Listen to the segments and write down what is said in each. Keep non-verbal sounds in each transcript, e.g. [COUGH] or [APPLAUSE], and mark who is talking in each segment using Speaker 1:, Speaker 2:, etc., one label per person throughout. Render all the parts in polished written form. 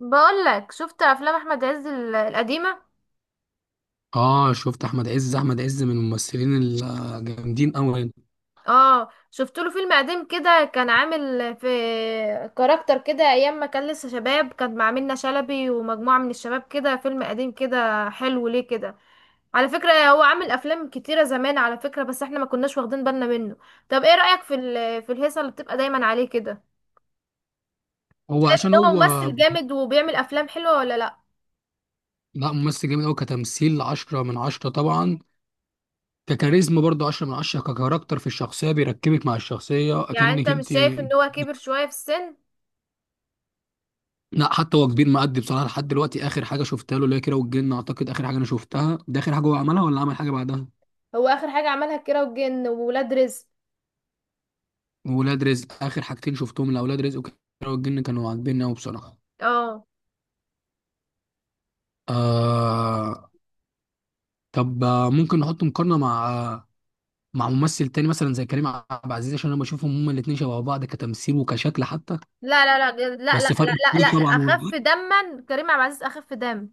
Speaker 1: بقولك، شفت افلام احمد عز القديمه؟
Speaker 2: اه، شفت احمد عز. احمد عز من الممثلين الجامدين قوي.
Speaker 1: اه، شفت له فيلم قديم كده، كان عامل في كاركتر كده، ايام ما كان لسه شباب، كان مع منة شلبي ومجموعه من الشباب، كده فيلم قديم كده حلو ليه كده. على فكره هو عامل افلام كتيره زمان، على فكره، بس احنا ما كناش واخدين بالنا منه. طب ايه رايك في الهيصه اللي بتبقى دايما عليه كده؟
Speaker 2: هو عشان
Speaker 1: ان هو
Speaker 2: هو
Speaker 1: ممثل جامد وبيعمل افلام حلوه ولا لا؟
Speaker 2: لا، ممثل جامد قوي. كتمثيل عشرة من عشرة طبعا، ككاريزما برضه عشرة من عشرة، ككاركتر في الشخصية بيركبك مع الشخصية
Speaker 1: يعني
Speaker 2: اكنك
Speaker 1: انت مش
Speaker 2: انت.
Speaker 1: شايف ان هو كبر شويه في السن؟
Speaker 2: لا حتى هو كبير مأدي بصراحة. لحد دلوقتي اخر حاجة شفتها له اللي هي كيرة والجن، اعتقد اخر حاجة انا شفتها، ده اخر حاجة هو عملها ولا عمل حاجة بعدها.
Speaker 1: هو اخر حاجه عملها كيرة والجن وولاد رزق.
Speaker 2: وولاد رزق، اخر حاجتين شفتهم لاولاد رزق وكيرة والجن، كانوا عاجبيني قوي بصراحة.
Speaker 1: اه،
Speaker 2: آه... طب ممكن نحط مقارنة مع ممثل تاني مثلا زي كريم عبد العزيز، عشان انا بشوفهم هما الاتنين شبه بعض كتمثيل وكشكل حتى.
Speaker 1: لا لا لا لا لا
Speaker 2: بس فرق
Speaker 1: لا
Speaker 2: كبير
Speaker 1: لا، لا.
Speaker 2: طبعا والله.
Speaker 1: اخف دما كريم عبد العزيز، اخف دم.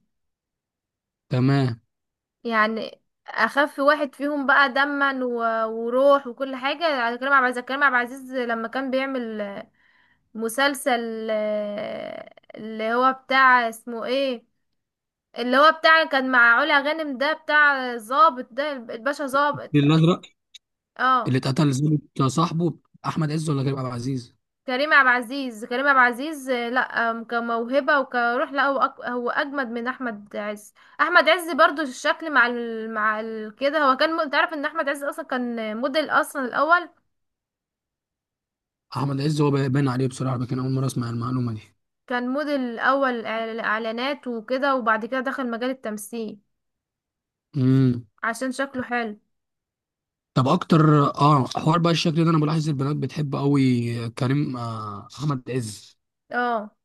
Speaker 2: تمام.
Speaker 1: يعني اخف واحد فيهم بقى دما و- وروح وكل حاجه على كريم عبد العزيز. كريم عبد العزيز لما كان بيعمل مسلسل، اللي هو بتاع اسمه ايه، اللي هو بتاع كان مع علا غانم، ده بتاع ظابط، ده الباشا ظابط.
Speaker 2: الفيل الازرق،
Speaker 1: اه،
Speaker 2: اللي اتقتل ظابط صاحبه. احمد عز ولا كريم عبد العزيز؟
Speaker 1: كريم عبد العزيز، كريم عبد العزيز، لا. كموهبة وكروح، لا هو هو أجمد من أحمد عز. أحمد عز برضو الشكل كده، هو كان أنت عارف إن أحمد عز أصلا كان موديل أصلا الأول.
Speaker 2: احمد عز هو باين عليه بصراحه، لكن اول مره اسمع المعلومه دي.
Speaker 1: كان موديل أول إعلانات وكده، وبعد كده دخل مجال التمثيل
Speaker 2: امم
Speaker 1: عشان شكله حلو.
Speaker 2: طب اكتر، اه، حوار بقى، الشكل ده انا بلاحظ البنات بتحب قوي كريم، آه، احمد عز.
Speaker 1: اه،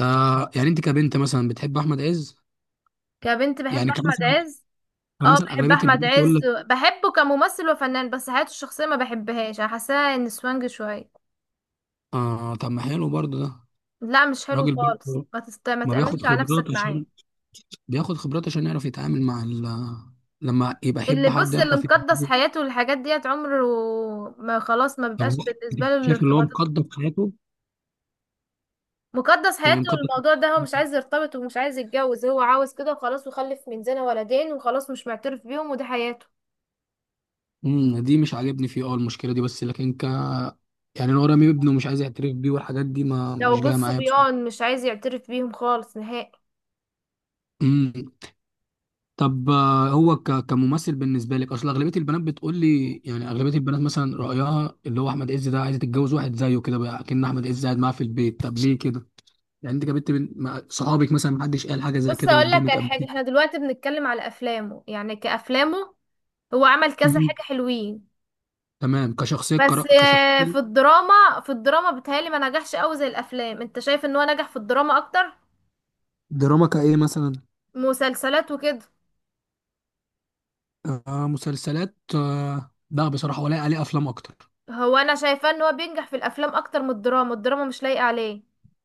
Speaker 2: آه، يعني انت كبنت مثلا بتحب احمد عز؟
Speaker 1: كبنت بحب
Speaker 2: يعني
Speaker 1: أحمد
Speaker 2: كمثلا،
Speaker 1: عز. اه،
Speaker 2: كمثلا
Speaker 1: بحب
Speaker 2: اغلبيه
Speaker 1: أحمد
Speaker 2: البنات تقول
Speaker 1: عز،
Speaker 2: لك.
Speaker 1: بحبه كممثل وفنان، بس حياته الشخصية ما بحبهاش، أنا حاساه إن سوانج شوية.
Speaker 2: اه طب ما حلو برضه ده.
Speaker 1: لا مش حلو
Speaker 2: راجل
Speaker 1: خالص،
Speaker 2: برضه
Speaker 1: ما
Speaker 2: ما بياخد
Speaker 1: تأمنش على
Speaker 2: خبرات
Speaker 1: نفسك معاه.
Speaker 2: عشان، بياخد خبرات عشان يعرف يتعامل مع ال... لما يبقى يحب
Speaker 1: اللي
Speaker 2: حد
Speaker 1: بص، اللي
Speaker 2: يعرف
Speaker 1: مقدس
Speaker 2: يتعامل.
Speaker 1: حياته والحاجات ديت، عمره ما خلاص، ما
Speaker 2: طب
Speaker 1: بيبقاش
Speaker 2: هو
Speaker 1: بالنسبة له
Speaker 2: شايف اللي هو
Speaker 1: الارتباط.
Speaker 2: مقدم في حياته؟
Speaker 1: مقدس
Speaker 2: يعني
Speaker 1: حياته
Speaker 2: مقدم.
Speaker 1: والموضوع ده، هو مش عايز يرتبط ومش عايز يتجوز، هو عاوز كده وخلاص، وخلف من زنا ولدين وخلاص مش معترف بيهم، وده حياته.
Speaker 2: دي مش عاجبني فيه، اه، المشكله دي، بس لكن ك، يعني انا رامي ابنه مش عايز يعترف بيه والحاجات دي ما مش
Speaker 1: لو جوز
Speaker 2: جايه معايا بصراحه.
Speaker 1: صبيان مش عايز يعترف بيهم خالص نهائي.
Speaker 2: امم طب هو ك... كممثل بالنسبه لك، اصل اغلبيه البنات بتقول لي، يعني اغلبيه البنات مثلا رايها اللي هو احمد عز ده، عايزه تتجوز واحد زيه كده بقى، كأن احمد عز قاعد معاها في البيت. طب ليه كده؟ يعني انت جابت بين مع صحابك مثلا، محدش قال حاجه زي
Speaker 1: بص،
Speaker 2: كده
Speaker 1: اقول لك
Speaker 2: قدامك
Speaker 1: على
Speaker 2: قبل
Speaker 1: حاجة،
Speaker 2: كده؟
Speaker 1: احنا دلوقتي بنتكلم على افلامه، يعني كافلامه هو عمل كذا
Speaker 2: مم.
Speaker 1: حاجة حلوين.
Speaker 2: تمام. كشخصيه كرا...
Speaker 1: بس
Speaker 2: كشخصيه.
Speaker 1: في الدراما بتهيألي ما نجحش قوي زي الافلام. انت شايف ان هو نجح في الدراما اكتر؟
Speaker 2: دراما كايه مثلا؟
Speaker 1: مسلسلات وكده.
Speaker 2: آه مسلسلات، آه لا بصراحه، ولا عليه افلام اكتر.
Speaker 1: هو انا شايفاه ان هو بينجح في الافلام اكتر من الدراما، الدراما مش لايقه عليه.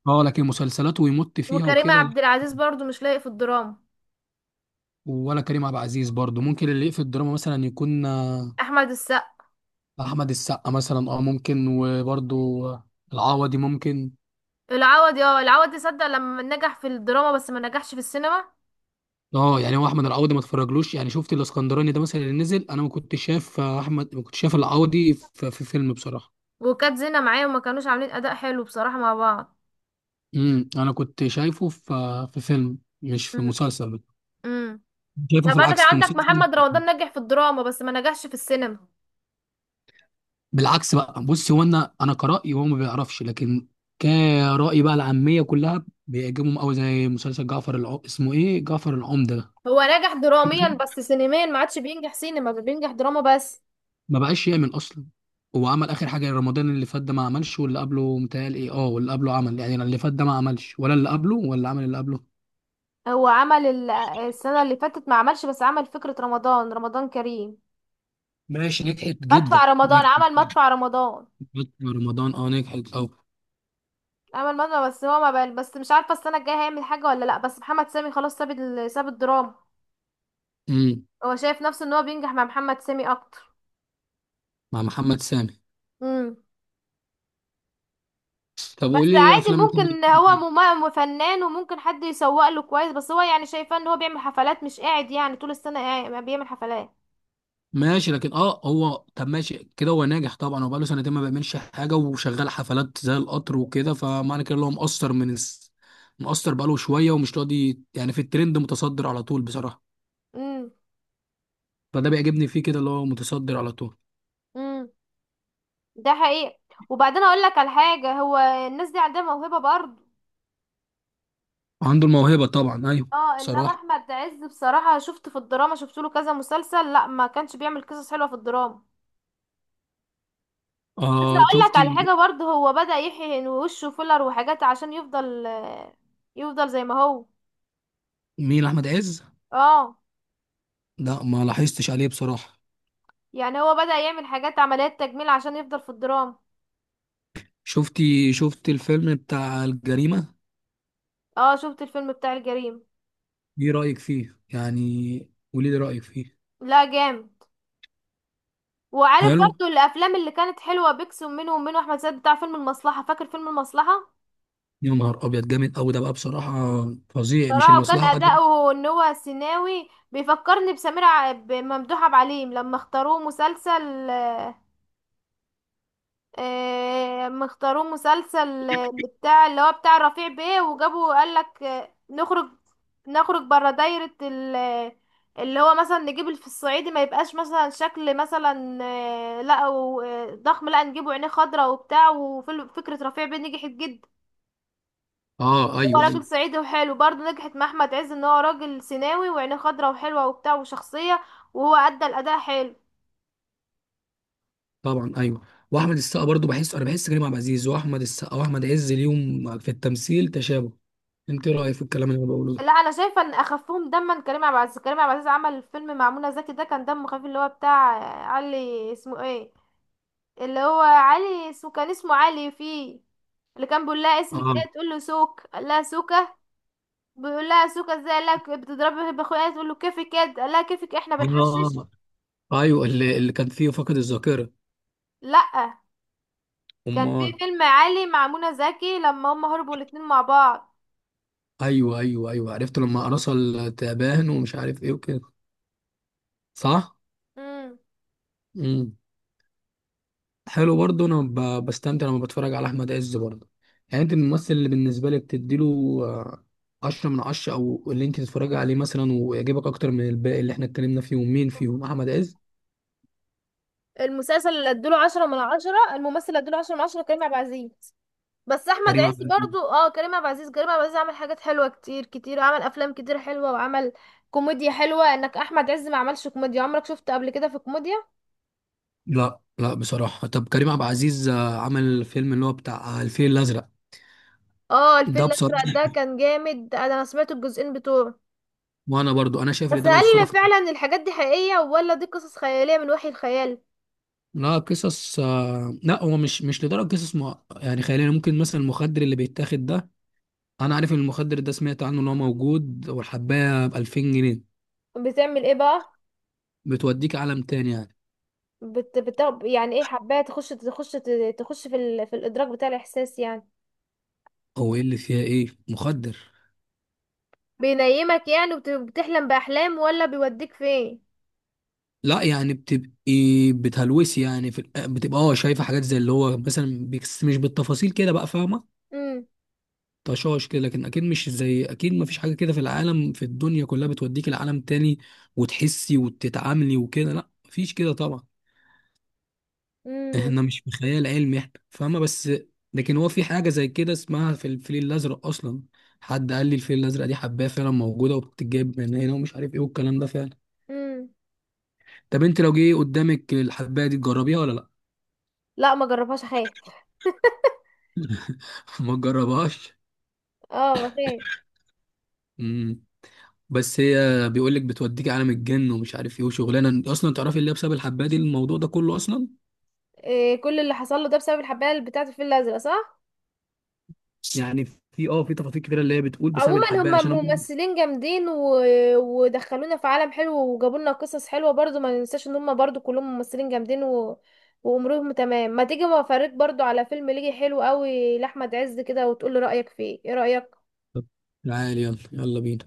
Speaker 2: اه لكن مسلسلات ويمط فيها
Speaker 1: وكريم
Speaker 2: وكده لا.
Speaker 1: عبد العزيز برضو مش لايق في الدراما.
Speaker 2: ولا كريم عبد العزيز برضو. ممكن اللي يقفل الدراما مثلا يكون آه،
Speaker 1: احمد السقا.
Speaker 2: احمد السقا مثلا، اه ممكن. وبرضو العوضي ممكن.
Speaker 1: العوضي، اه العوضي صدق لما نجح في الدراما بس ما نجحش في السينما،
Speaker 2: اه يعني هو احمد العوضي ما اتفرجلوش. يعني شفت الاسكندراني ده مثلا اللي نزل، انا ما كنتش شايف آه، احمد ما كنتش شايف العوضي في فيلم بصراحه.
Speaker 1: وكانت زينة معاه وما كانوش عاملين اداء حلو بصراحه مع بعض.
Speaker 2: امم، انا كنت شايفه في فيلم، مش في
Speaker 1: امم
Speaker 2: مسلسل.
Speaker 1: أمم.
Speaker 2: شايفه
Speaker 1: طب
Speaker 2: في
Speaker 1: انا كان
Speaker 2: العكس في
Speaker 1: عندك
Speaker 2: مسلسل.
Speaker 1: محمد رمضان، نجح في الدراما بس ما نجحش في السينما.
Speaker 2: بالعكس بقى. بص هو انا كرأيي هو ما بيعرفش، لكن كرأي بقى العامية كلها بيعجبهم قوي زي مسلسل اسمه ايه، جعفر العمدة ده.
Speaker 1: هو نجح
Speaker 2: [LAUGHS]
Speaker 1: دراميا بس سينميا ما عادش بينجح، سينما بينجح، دراما بس.
Speaker 2: ما بقاش يعمل اصلا. هو عمل اخر حاجة رمضان اللي فات ده ما عملش، واللي قبله متهيألي ايه، اه واللي قبله عمل. يعني اللي فات ده ما عملش ولا اللي قبله، ولا عمل اللي قبله.
Speaker 1: هو عمل السنه اللي فاتت ما عملش، بس عمل فكره رمضان كريم،
Speaker 2: ماشي، نجحت جدا،
Speaker 1: مدفع رمضان،
Speaker 2: نجحت
Speaker 1: عمل مدفع رمضان.
Speaker 2: جداً. رمضان، اه نجحت اه.
Speaker 1: عمل مدفع بس، هو ما بقى، بس مش عارفه السنه الجايه هيعمل حاجه ولا لا، بس محمد سامي خلاص ساب ساب الدراما.
Speaker 2: امم.
Speaker 1: هو شايف نفسه ان هو بينجح مع محمد سامي اكتر.
Speaker 2: مع محمد سامي.
Speaker 1: امم.
Speaker 2: طب
Speaker 1: بس
Speaker 2: قول لي ايه
Speaker 1: عادي،
Speaker 2: افلام بتحب
Speaker 1: ممكن هو
Speaker 2: تتفرج؟
Speaker 1: فنان، وممكن حد يسوق له كويس، بس هو يعني شايفاه ان هو بيعمل حفلات، مش قاعد يعني طول السنه قاعد ما بيعمل حفلات.
Speaker 2: ماشي، لكن اه هو، طب ماشي كده هو ناجح طبعا. هو بقاله سنتين ما بيعملش حاجه وشغال حفلات زي القطر وكده، فمعنى كده اللي هو مقصر بقاله شويه ومش راضي، يعني في الترند متصدر على طول بصراحه.
Speaker 1: امم
Speaker 2: فده بيعجبني فيه كده، اللي هو متصدر على طول.
Speaker 1: امم ده حقيقي. وبعدين اقول لك على حاجه، هو الناس دي عندها موهبه برضه.
Speaker 2: عنده الموهبه طبعا، ايوه.
Speaker 1: اه، انما
Speaker 2: بصراحه،
Speaker 1: احمد عز بصراحه شفت في الدراما، شفت له كذا مسلسل، لا ما كانش بيعمل قصص حلوه في الدراما. بس
Speaker 2: آه،
Speaker 1: هقول لك على
Speaker 2: شفتي؟
Speaker 1: حاجه برضه، هو بدأ يحيي وشه فيلر وحاجات عشان يفضل زي ما هو.
Speaker 2: مين احمد عز؟
Speaker 1: اه.
Speaker 2: لا ما لاحظتش عليه بصراحه.
Speaker 1: يعني هو بدأ يعمل حاجات عمليات تجميل عشان يفضل في الدراما.
Speaker 2: شفتي، شفت الفيلم بتاع الجريمه؟
Speaker 1: اه شفت الفيلم بتاع الجريمه.
Speaker 2: ايه رايك فيه؟ يعني قولي لي رايك فيه.
Speaker 1: لا، جامد. وعارف
Speaker 2: حلو.
Speaker 1: برضه الافلام اللي كانت حلوه بيكسب منه، ومنه احمد سعد بتاع فيلم المصلحه، فاكر فيلم المصلحه؟
Speaker 2: يا نهار ابيض، جامد قوي ده بقى بصراحه، فظيع. مش
Speaker 1: صراحة، وكان
Speaker 2: المصلحه دي؟
Speaker 1: أداؤه إن هو سيناوي، بيفكرني بسمير بممدوح عبد العليم لما اختاروه مسلسل. اللي بتاع، اللي هو بتاع رفيع بيه، وجابوا قال لك نخرج نخرج بره دايرة اللي هو مثلا نجيب في الصعيدي ما يبقاش مثلا شكل مثلا، لا ضخم، لا نجيبه عينيه خضراء وبتاع، وفكرة رفيع بيه نجحت جدا.
Speaker 2: اه
Speaker 1: هو
Speaker 2: ايوه ايوه.
Speaker 1: راجل صعيدي وحلو برضه، نجحت مع احمد عز ان هو راجل سيناوي وعينيه خضرا وحلوه وبتاع وشخصيه، وهو ادى الاداء حلو.
Speaker 2: طبعا ايوه. واحمد السقا برضو، بحس كريم عبد العزيز واحمد السقا واحمد عز اليوم في التمثيل تشابه. انت إيه رايك في الكلام اللي انا بقوله ده؟
Speaker 1: لا، انا شايفه ان اخفهم دما كريم عبد العزيز، كريم عبد العزيز عمل فيلم مع منى زكي، ده كان دمه خفيف، اللي هو بتاع علي، اسمه ايه، اللي هو علي اسمه، كان اسمه علي فيه. اللي كان بيقول لها اسمك
Speaker 2: اه.
Speaker 1: ايه، تقول له سوك، قال لها سوكه، بيقول لها سوكه ازاي، قال لها بتضربي باخويا، تقول له كيفك كده، قال لها كيفك إيه؟ احنا
Speaker 2: اه.
Speaker 1: بنحشش.
Speaker 2: آه. ايوه، اللي كان فيه فقد الذاكره.
Speaker 1: لا، كان في
Speaker 2: امال.
Speaker 1: فيلم عالي مع منى زكي لما هم هربوا الاتنين مع بعض.
Speaker 2: ايوه ايوه ايوه، عرفت. لما رسل تعبان ومش عارف ايه وكده. صح.
Speaker 1: امم.
Speaker 2: امم. حلو برضه، انا بستمتع لما بتفرج على احمد عز برضه. يعني انت من الممثل اللي بالنسبه لك تديله آه، عشرة من عشرة، او اللي انت تتفرجي عليه مثلا ويعجبك اكتر من الباقي اللي احنا اتكلمنا فيهم، مين فيهم؟ احمد عز؟
Speaker 1: المسلسل اللي ادوله 10 من 10، الممثل اللي ادوله 10 من 10 كريم عبد العزيز. بس احمد
Speaker 2: كريم
Speaker 1: عز
Speaker 2: عبد العزيز.
Speaker 1: برضو، اه، كريم عبد العزيز، كريم عبد العزيز عمل حاجات حلوة كتير كتير، عمل افلام كتير حلوة، وعمل كوميديا حلوة، انك احمد عز ما عملش كوميديا، عمرك شفته قبل كده في كوميديا؟
Speaker 2: لا بصراحه. طب كريم عبد العزيز عمل فيلم اللي هو بتاع الفيل الازرق
Speaker 1: اه الفيل
Speaker 2: ده بصراحه.
Speaker 1: الازرق ده كان جامد، ده انا سمعت الجزئين بتوعه.
Speaker 2: وانا برضو انا شايف ان
Speaker 1: بس
Speaker 2: ده لو
Speaker 1: هل
Speaker 2: صرف.
Speaker 1: فعلا الحاجات دي حقيقية، ولا دي قصص خيالية من وحي الخيال؟
Speaker 2: لا، قصص لا، هو مش لدرجه قصص يعني خياليه. ممكن مثلا المخدر اللي بيتاخد ده، انا عارف ان المخدر ده، سمعت عنه ان هو موجود، والحبايه ب 2000 جنيه.
Speaker 1: بتعمل ايه بقى؟
Speaker 2: بتوديك عالم تاني يعني.
Speaker 1: يعني ايه حبايه تخش، تخش في في الادراك بتاع الاحساس يعني؟
Speaker 2: هو ايه اللي فيها، ايه مخدر؟
Speaker 1: بينيمك يعني وبتحلم بأحلام ولا بيوديك فين؟
Speaker 2: لا يعني بتهلوسي يعني بتبقى اه شايفه حاجات زي اللي هو مثلا بيكس، مش بالتفاصيل كده بقى، فاهمه؟
Speaker 1: امم.
Speaker 2: طشاش كده، لكن اكيد مش زي، اكيد ما فيش حاجه كده في العالم، في الدنيا كلها، بتوديك لعالم تاني وتحسي وتتعاملي وكده، لا مفيش كده طبعا.
Speaker 1: امم.
Speaker 2: احنا مش في خيال علمي احنا، فاهمة؟ بس لكن هو في حاجة زي كده اسمها، في الفيل الأزرق أصلا، حد قال لي الفيل الأزرق دي حباية فعلا موجودة وبتتجاب من هنا ومش عارف ايه، والكلام ده فعلا.
Speaker 1: امم.
Speaker 2: طب انت لو جه قدامك الحباية دي تجربيها ولا لأ؟
Speaker 1: لا، ما جربهاش، اخاف.
Speaker 2: [LAUGHS] ما تجربهاش.
Speaker 1: اه، بخاف.
Speaker 2: امم. بس هي بيقول لك بتوديك عالم الجن ومش عارف ايه، وشغلانة أصلا تعرفي اللي هي بسبب الحباية دي الموضوع ده كله أصلا.
Speaker 1: إيه كل اللي حصل له ده بسبب الحبايه اللي بتاعت الفيل الازرق، صح؟
Speaker 2: يعني في اه في تفاصيل كتيرة اللي هي بتقول بسبب
Speaker 1: عموما
Speaker 2: الحباية،
Speaker 1: هم
Speaker 2: عشان أنا.
Speaker 1: ممثلين جامدين ودخلونا في عالم حلو وجابوا لنا قصص حلوه، برضو ما ننساش ان هم برضو كلهم ممثلين جامدين وامورهم تمام. ما تيجي ما افرجك برضو على فيلم ليجي حلو قوي لاحمد عز كده، وتقول لي رايك فيه، ايه رايك.
Speaker 2: تعالي، يلا يلا بينا.